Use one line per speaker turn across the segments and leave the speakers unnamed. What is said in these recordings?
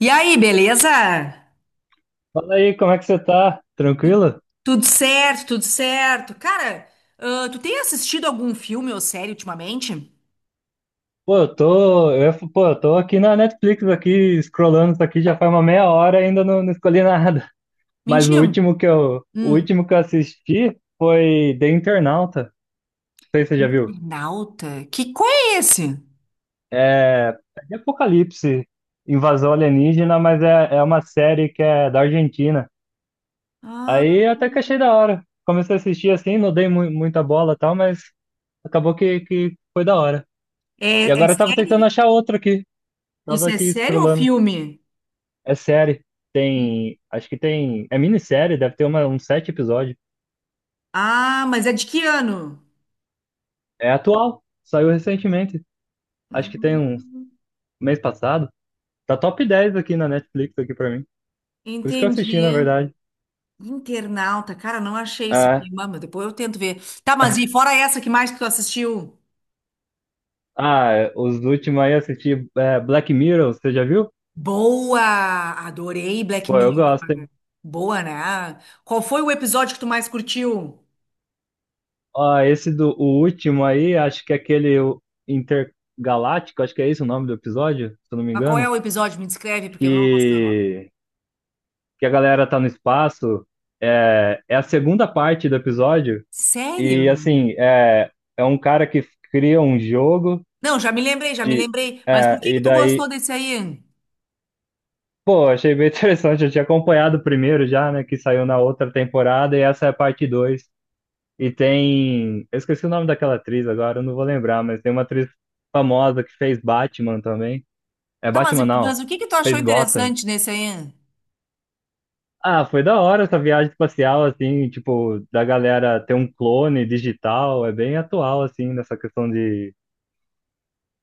E aí, beleza?
Fala aí, como é que você tá? Tranquilo?
Tudo certo, tudo certo. Cara, tu tem assistido algum filme ou série ultimamente?
Pô, eu tô aqui na Netflix, aqui, scrollando isso aqui, já faz uma meia hora e ainda não escolhi nada. Mas o
Mentiu?
último que eu, o
Hum.
último que eu assisti foi The Internauta. Não sei se você já viu.
Nauta? Que qual é esse?
É de Apocalipse, invasão alienígena, mas é uma série que é da Argentina.
Ah,
Aí eu até que achei da hora. Comecei a assistir assim, não dei muita bola e tal, mas acabou que foi da hora. E
é, é
agora eu tava tentando
série?
achar outra aqui.
Isso
Tava
é
aqui
série ou
scrollando.
filme?
É série. Tem. Acho que tem. É minissérie, deve ter uma, uns sete episódios.
Ah, mas é de que ano?
É atual. Saiu recentemente. Acho que tem um
Hum,
mês passado. Tá top 10 aqui na Netflix aqui pra mim. Por isso que eu assisti, na
entendi.
verdade.
Internauta, cara, não achei isso
É.
aqui. Mas depois eu tento ver. Tá, mas e fora essa, que mais que tu assistiu?
Ah, os últimos aí eu assisti Black Mirror, você já viu?
Boa! Adorei Black
Pô, eu gosto,
Mirror.
hein?
Boa, né? Qual foi o episódio que tu mais curtiu?
Ó, esse do o último aí, acho que é aquele o Intergaláctico, acho que é esse o nome do episódio, se eu não me
Mas qual é
engano.
o episódio? Me descreve, porque eu não vou saber o nome.
Que que a galera tá no espaço. É a segunda parte do episódio.
Sério?
E assim, é um cara que cria um jogo
Não, já me lembrei, já me
de.
lembrei. Mas por
é,
que
e
que tu
daí.
gostou desse aí?
Pô, achei bem interessante. Eu tinha acompanhado o primeiro já, né? Que saiu na outra temporada, e essa é a parte dois. E tem. Eu esqueci o nome daquela atriz agora, eu não vou lembrar, mas tem uma atriz famosa que fez Batman também. É
Tá, mas,
Batman, não.
o que que tu achou
Fez Gotham.
interessante nesse aí?
Ah, foi da hora essa viagem espacial, assim, tipo, da galera ter um clone digital, é bem atual, assim, nessa questão de.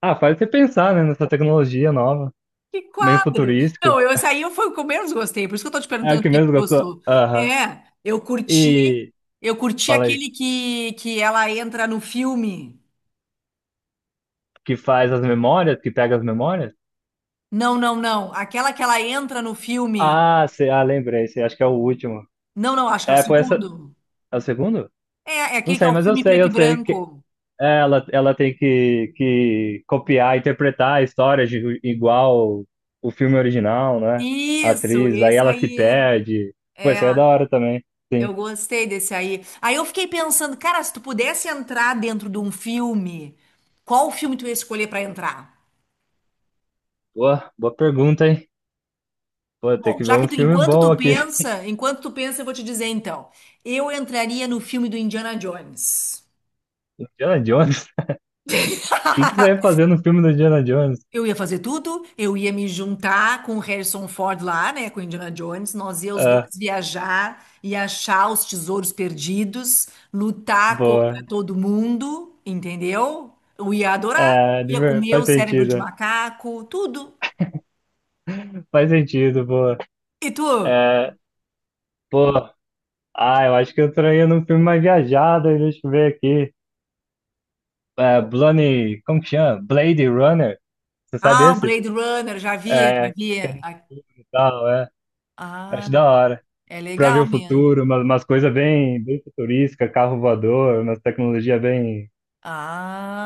Ah, faz você pensar, né, nessa tecnologia nova,
Que
meio
quadro!
futurístico.
Não, eu, esse aí foi o que eu menos gostei, por isso que eu tô te
É o
perguntando
que
o que que
mesmo
tu
gostou.
gostou.
Aham.
É,
E,
eu curti
fala aí,
aquele que ela entra no filme.
que faz as memórias, que pega as memórias?
Não, não, não. Aquela que ela entra no filme.
Ah, sei, ah, lembrei, sei, acho que é o último.
Não, não, acho que é o
É, foi essa.
segundo.
É o segundo?
É, é
Não
aquele que é
sei,
o
mas eu
filme
sei,
preto e
eu sei.
branco.
Ela tem que copiar, interpretar a história de, igual o filme original, né? A
Isso,
atriz, aí
esse
ela se
aí.
perde. Pô,
É,
isso aí é da hora também.
eu
Sim.
gostei desse aí. Aí eu fiquei pensando, cara, se tu pudesse entrar dentro de um filme, qual filme tu ia escolher pra entrar?
Boa, boa pergunta, hein? Pô, tem
Bom,
que ver
já que
um
tu,
filme bom aqui.
enquanto tu pensa, eu vou te dizer então. Eu entraria no filme do Indiana Jones.
Indiana Jones? O que que você vai fazer no filme do Indiana Jones?
Eu ia fazer tudo, eu ia me juntar com o Harrison Ford lá, né, com o Indiana Jones, nós ia os
Ah,
dois viajar e achar os tesouros perdidos, lutar contra
boa.
todo mundo, entendeu? Eu ia adorar,
É, de
ia
ver-
comer o
faz
cérebro de
sentido.
macaco, tudo.
Faz sentido, boa.
E tu?
É, pô, eu acho que eu traía num filme mais viajado, aí deixa eu ver aqui. Blade, como que chama? Blade Runner, você sabe
Ah, o
esse?
Blade Runner, já vi, já
É,
vi.
que é no futuro e tal, é.
Ah,
Acho da hora.
é
Pra ver
legal
o
mesmo.
futuro, umas coisas bem futurísticas, carro voador, umas tecnologias bem.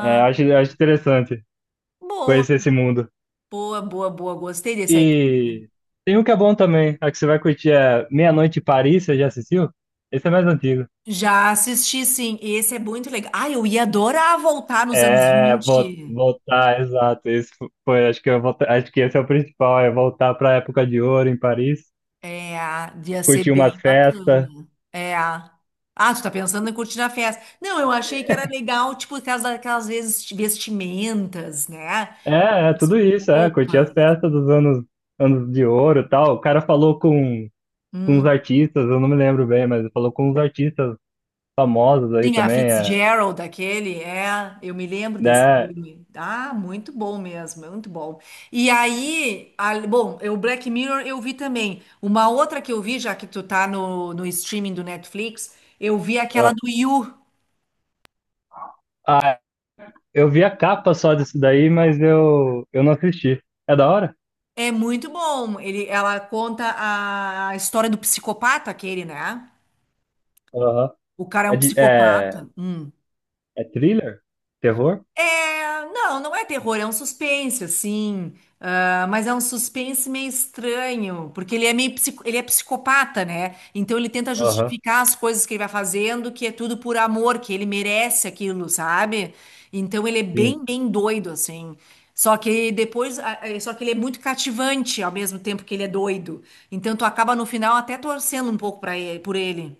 É, acho interessante
boa,
conhecer esse mundo.
boa, boa, boa, gostei desse aí.
E tem um que é bom também, a que você vai curtir é Meia-Noite em Paris, você já assistiu? Esse é mais antigo.
Já assisti, sim. Esse é muito legal. Ah, eu ia adorar voltar nos anos
É,
20.
voltar, exato. Esse foi, acho que esse é o principal, é voltar para a época de ouro em Paris,
É, ia ser
curtir umas
bem
festas.
bacana. É. Ah, tu tá pensando em curtir a festa. Não, eu achei que era legal, tipo, aquelas, vezes vestimentas, né?
É
As
tudo isso, é. Curti as
roupas.
festas dos anos, anos de ouro e tal. O cara falou com uns
Hum.
artistas, eu não me lembro bem, mas falou com uns artistas famosos aí
Sim, a
também, é,
Fitzgerald, aquele, é, eu me lembro desse
né?
filme. Ah, muito bom mesmo, é muito bom. E aí, bom, o Black Mirror eu vi também. Uma outra que eu vi, já que tu tá no, no streaming do Netflix, eu vi aquela do You.
Ah, eu vi a capa só disso daí, mas eu não assisti. É da hora?
É muito bom. Ele, ela conta a história do psicopata, aquele, né?
Aham.
O cara é
É,
um
de, é,
psicopata. Hum.
é thriller? Terror?
É, não, não é terror, é um suspense, assim. Ah, mas é um suspense meio estranho, porque ele é meio ele é psicopata, né? Então ele tenta
Aham,
justificar as coisas que ele vai fazendo, que é tudo por amor, que ele merece aquilo, sabe? Então ele é
sim.
bem, bem doido, assim. Só que depois, só que ele é muito cativante ao mesmo tempo que ele é doido. Então tu acaba no final até torcendo um pouco para ele, por ele.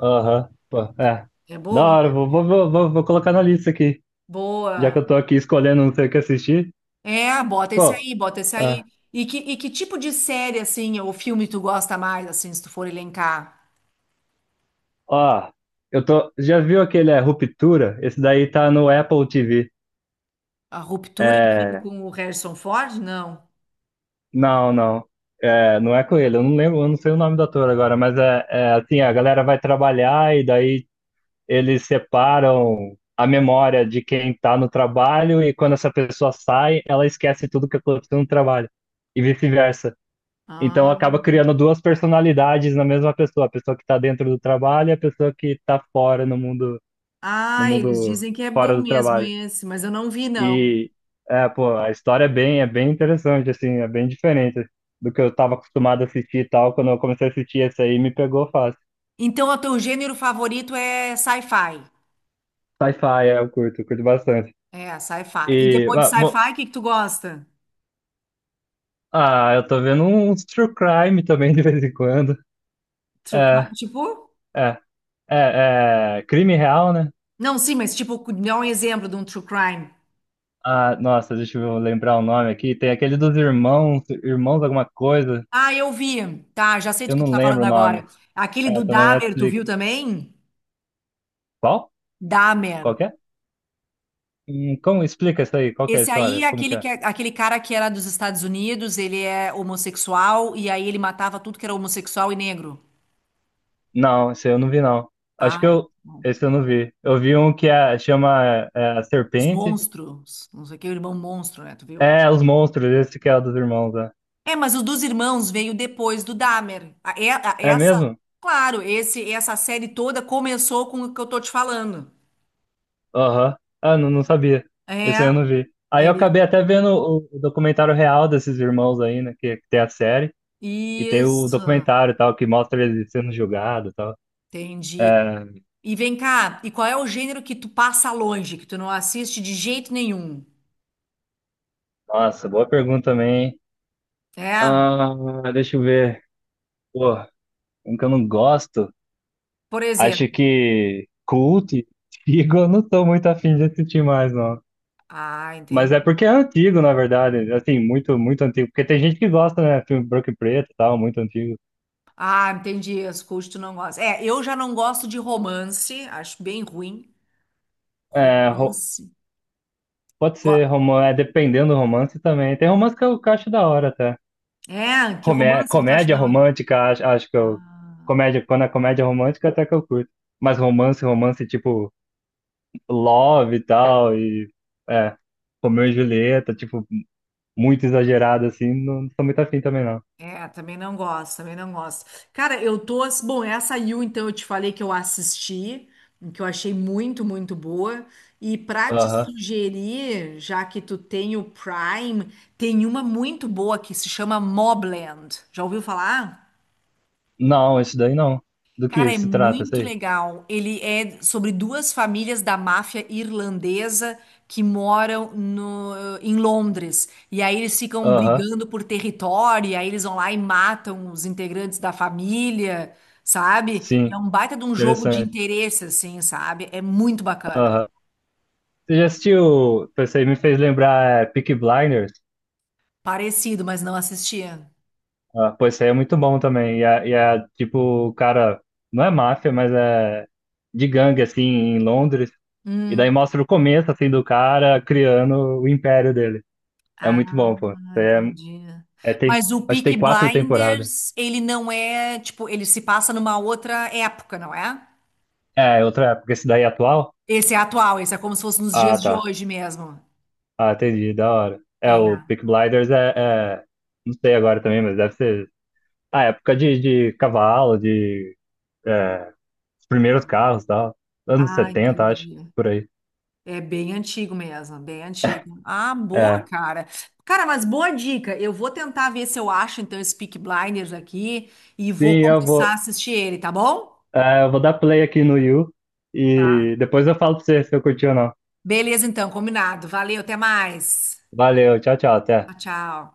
Aham, pô, é.
É
Da
bom?
hora, vou colocar na lista aqui. Já que
Boa.
eu tô aqui escolhendo não sei o que assistir.
É, bota esse
Pô,
aí, bota esse
é.
aí. E que tipo de série, assim, ou filme tu gosta mais, assim, se tu for elencar?
Ó, eu tô. Já viu aquele Ruptura? Esse daí tá no Apple TV.
A Ruptura, aquele
É,
com o Harrison Ford? Não.
não. É, não é com ele. Eu não lembro, eu não sei o nome do ator agora, mas é assim, a galera vai trabalhar e daí eles separam a memória de quem tá no trabalho e quando essa pessoa sai, ela esquece tudo que aconteceu no trabalho. E vice-versa. Então
Ah,
acaba criando duas personalidades na mesma pessoa, a pessoa que tá dentro do trabalho e a pessoa que tá fora no mundo, no
ah, eles
mundo
dizem que é
fora
bom
do
mesmo
trabalho.
esse, mas eu não vi, não.
E pô, a história é bem interessante, assim, é bem diferente do que eu tava acostumado a assistir e tal. Quando eu comecei a assistir esse aí, me pegou fácil.
Então, o teu gênero favorito é sci-fi.
Sci-fi, é, eu curto bastante.
É, sci-fi. E
E,
depois de
bom,
sci-fi, o que que tu gosta?
eu tô vendo uns true crime também de vez em quando.
True
É,
crime, tipo?
é, é crime real, né?
Não, sim, mas tipo, dá um exemplo de um true crime.
Ah, nossa, deixa eu lembrar o nome aqui. Tem aquele dos irmãos, irmãos alguma coisa.
Ah, eu vi. Tá, já sei
Eu
do que tu
não
tá falando
lembro o
agora.
nome.
Aquele
É,
do
tá na
Dahmer, tu
Netflix.
viu também?
Qual? Qual
Dahmer.
que é? Como explica isso aí? Qual que é a
Esse aí
história?
é
Como que
aquele,
é?
que, é, aquele cara que era dos Estados Unidos, ele é homossexual, e aí ele matava tudo que era homossexual e negro.
Não, esse eu não vi, não. Acho
Ah,
que
é.
eu.
Bom.
Esse eu não vi. Eu vi um que é, chama a
Os
Serpente.
monstros. Não sei o que, o irmão monstro, né? Tu viu?
É, Os Monstros, esse que é o dos irmãos, né?
É, mas o dos irmãos veio depois do Dahmer.
É
Essa,
mesmo?
claro, essa série toda começou com o que eu tô te falando.
Aham. Ah, não, não sabia.
É,
Esse aí eu não vi.
é
Aí eu acabei até vendo o documentário real desses irmãos aí, né? Que tem a série. E tem o
isso.
documentário e tal, que mostra eles sendo julgados e tal.
Entendi.
É,
E vem cá, e qual é o gênero que tu passa longe, que tu não assiste de jeito nenhum?
nossa, boa pergunta também. Hein?
É?
Ah, deixa eu ver. Pô, um que eu não gosto.
Por
Acho
exemplo,
que Cult, antigo, eu não tô muito afim de assistir mais, não.
ah, entendi.
Mas é porque é antigo, na verdade. Assim, muito, muito antigo. Porque tem gente que gosta, né? Filme branco e preto e tal, muito antigo.
Ah, entendi. As coisas que tu não gosta. É, eu já não gosto de romance, acho bem ruim.
É,
Romance.
pode
Go-
ser romance, é dependendo do romance também. Tem romance que eu acho da hora até.
É, que
Comé
romance que tu acha
comédia
da hora?
romântica, acho, acho que eu.
Ah,
Comédia, quando é
que-
comédia romântica, até que eu curto. Mas romance, romance tipo Love e tal, e. É, Romeu e Julieta, tipo, muito exagerado assim, não sou muito afim também, não.
é, também não gosto, também não gosto. Cara, eu tô. Bom, essa You, então, eu te falei que eu assisti, que eu achei muito, muito boa. E pra te
Aham.
sugerir, já que tu tem o Prime, tem uma muito boa que se chama Mobland. Já ouviu falar?
Não, esse daí não. Do
Cara,
que
é
se trata, esse
muito
aí?
legal. Ele é sobre duas famílias da máfia irlandesa que moram no, em Londres. E aí eles ficam
Aham.
brigando por território, e aí eles vão lá e matam os integrantes da família, sabe? É
Sim,
um baita de um jogo de
interessante.
interesse, assim, sabe? É muito bacana.
Aham. Você já assistiu? Esse aí me fez lembrar Peaky Blinders.
Parecido, mas não assistia.
Ah, pô, esse aí é muito bom também. E é tipo, o cara, não é máfia, mas é de gangue, assim, em Londres. E daí
Hum.
mostra o começo, assim, do cara criando o império dele. É muito
Ah,
bom, pô.
entendi.
É, tem,
Mas o
acho que
Peaky
tem quatro temporadas.
Blinders, ele não é, tipo, ele se passa numa outra época, não é?
É, outra, porque esse daí é atual?
Esse é atual, esse é como se fosse nos dias
Ah,
de
tá.
hoje mesmo.
Ah, entendi, da hora. É,
É.
o Peaky Blinders é- Não sei agora também, mas deve ser. Ah, época de cavalo, de. É, os primeiros carros e tal. Anos
Ah,
setenta acho,
entendi.
por aí.
É bem antigo mesmo, bem antigo. Ah, boa,
É.
cara. Cara, mas boa dica. Eu vou tentar ver se eu acho então esse Peaky Blinders aqui e vou
Sim, eu
começar a
vou.
assistir ele, tá bom?
Eu vou dar play aqui no you
Tá.
e depois eu falo pra você se eu curti ou não.
Beleza, então, combinado. Valeu, até mais.
Valeu, tchau, tchau, até.
Tchau, tchau.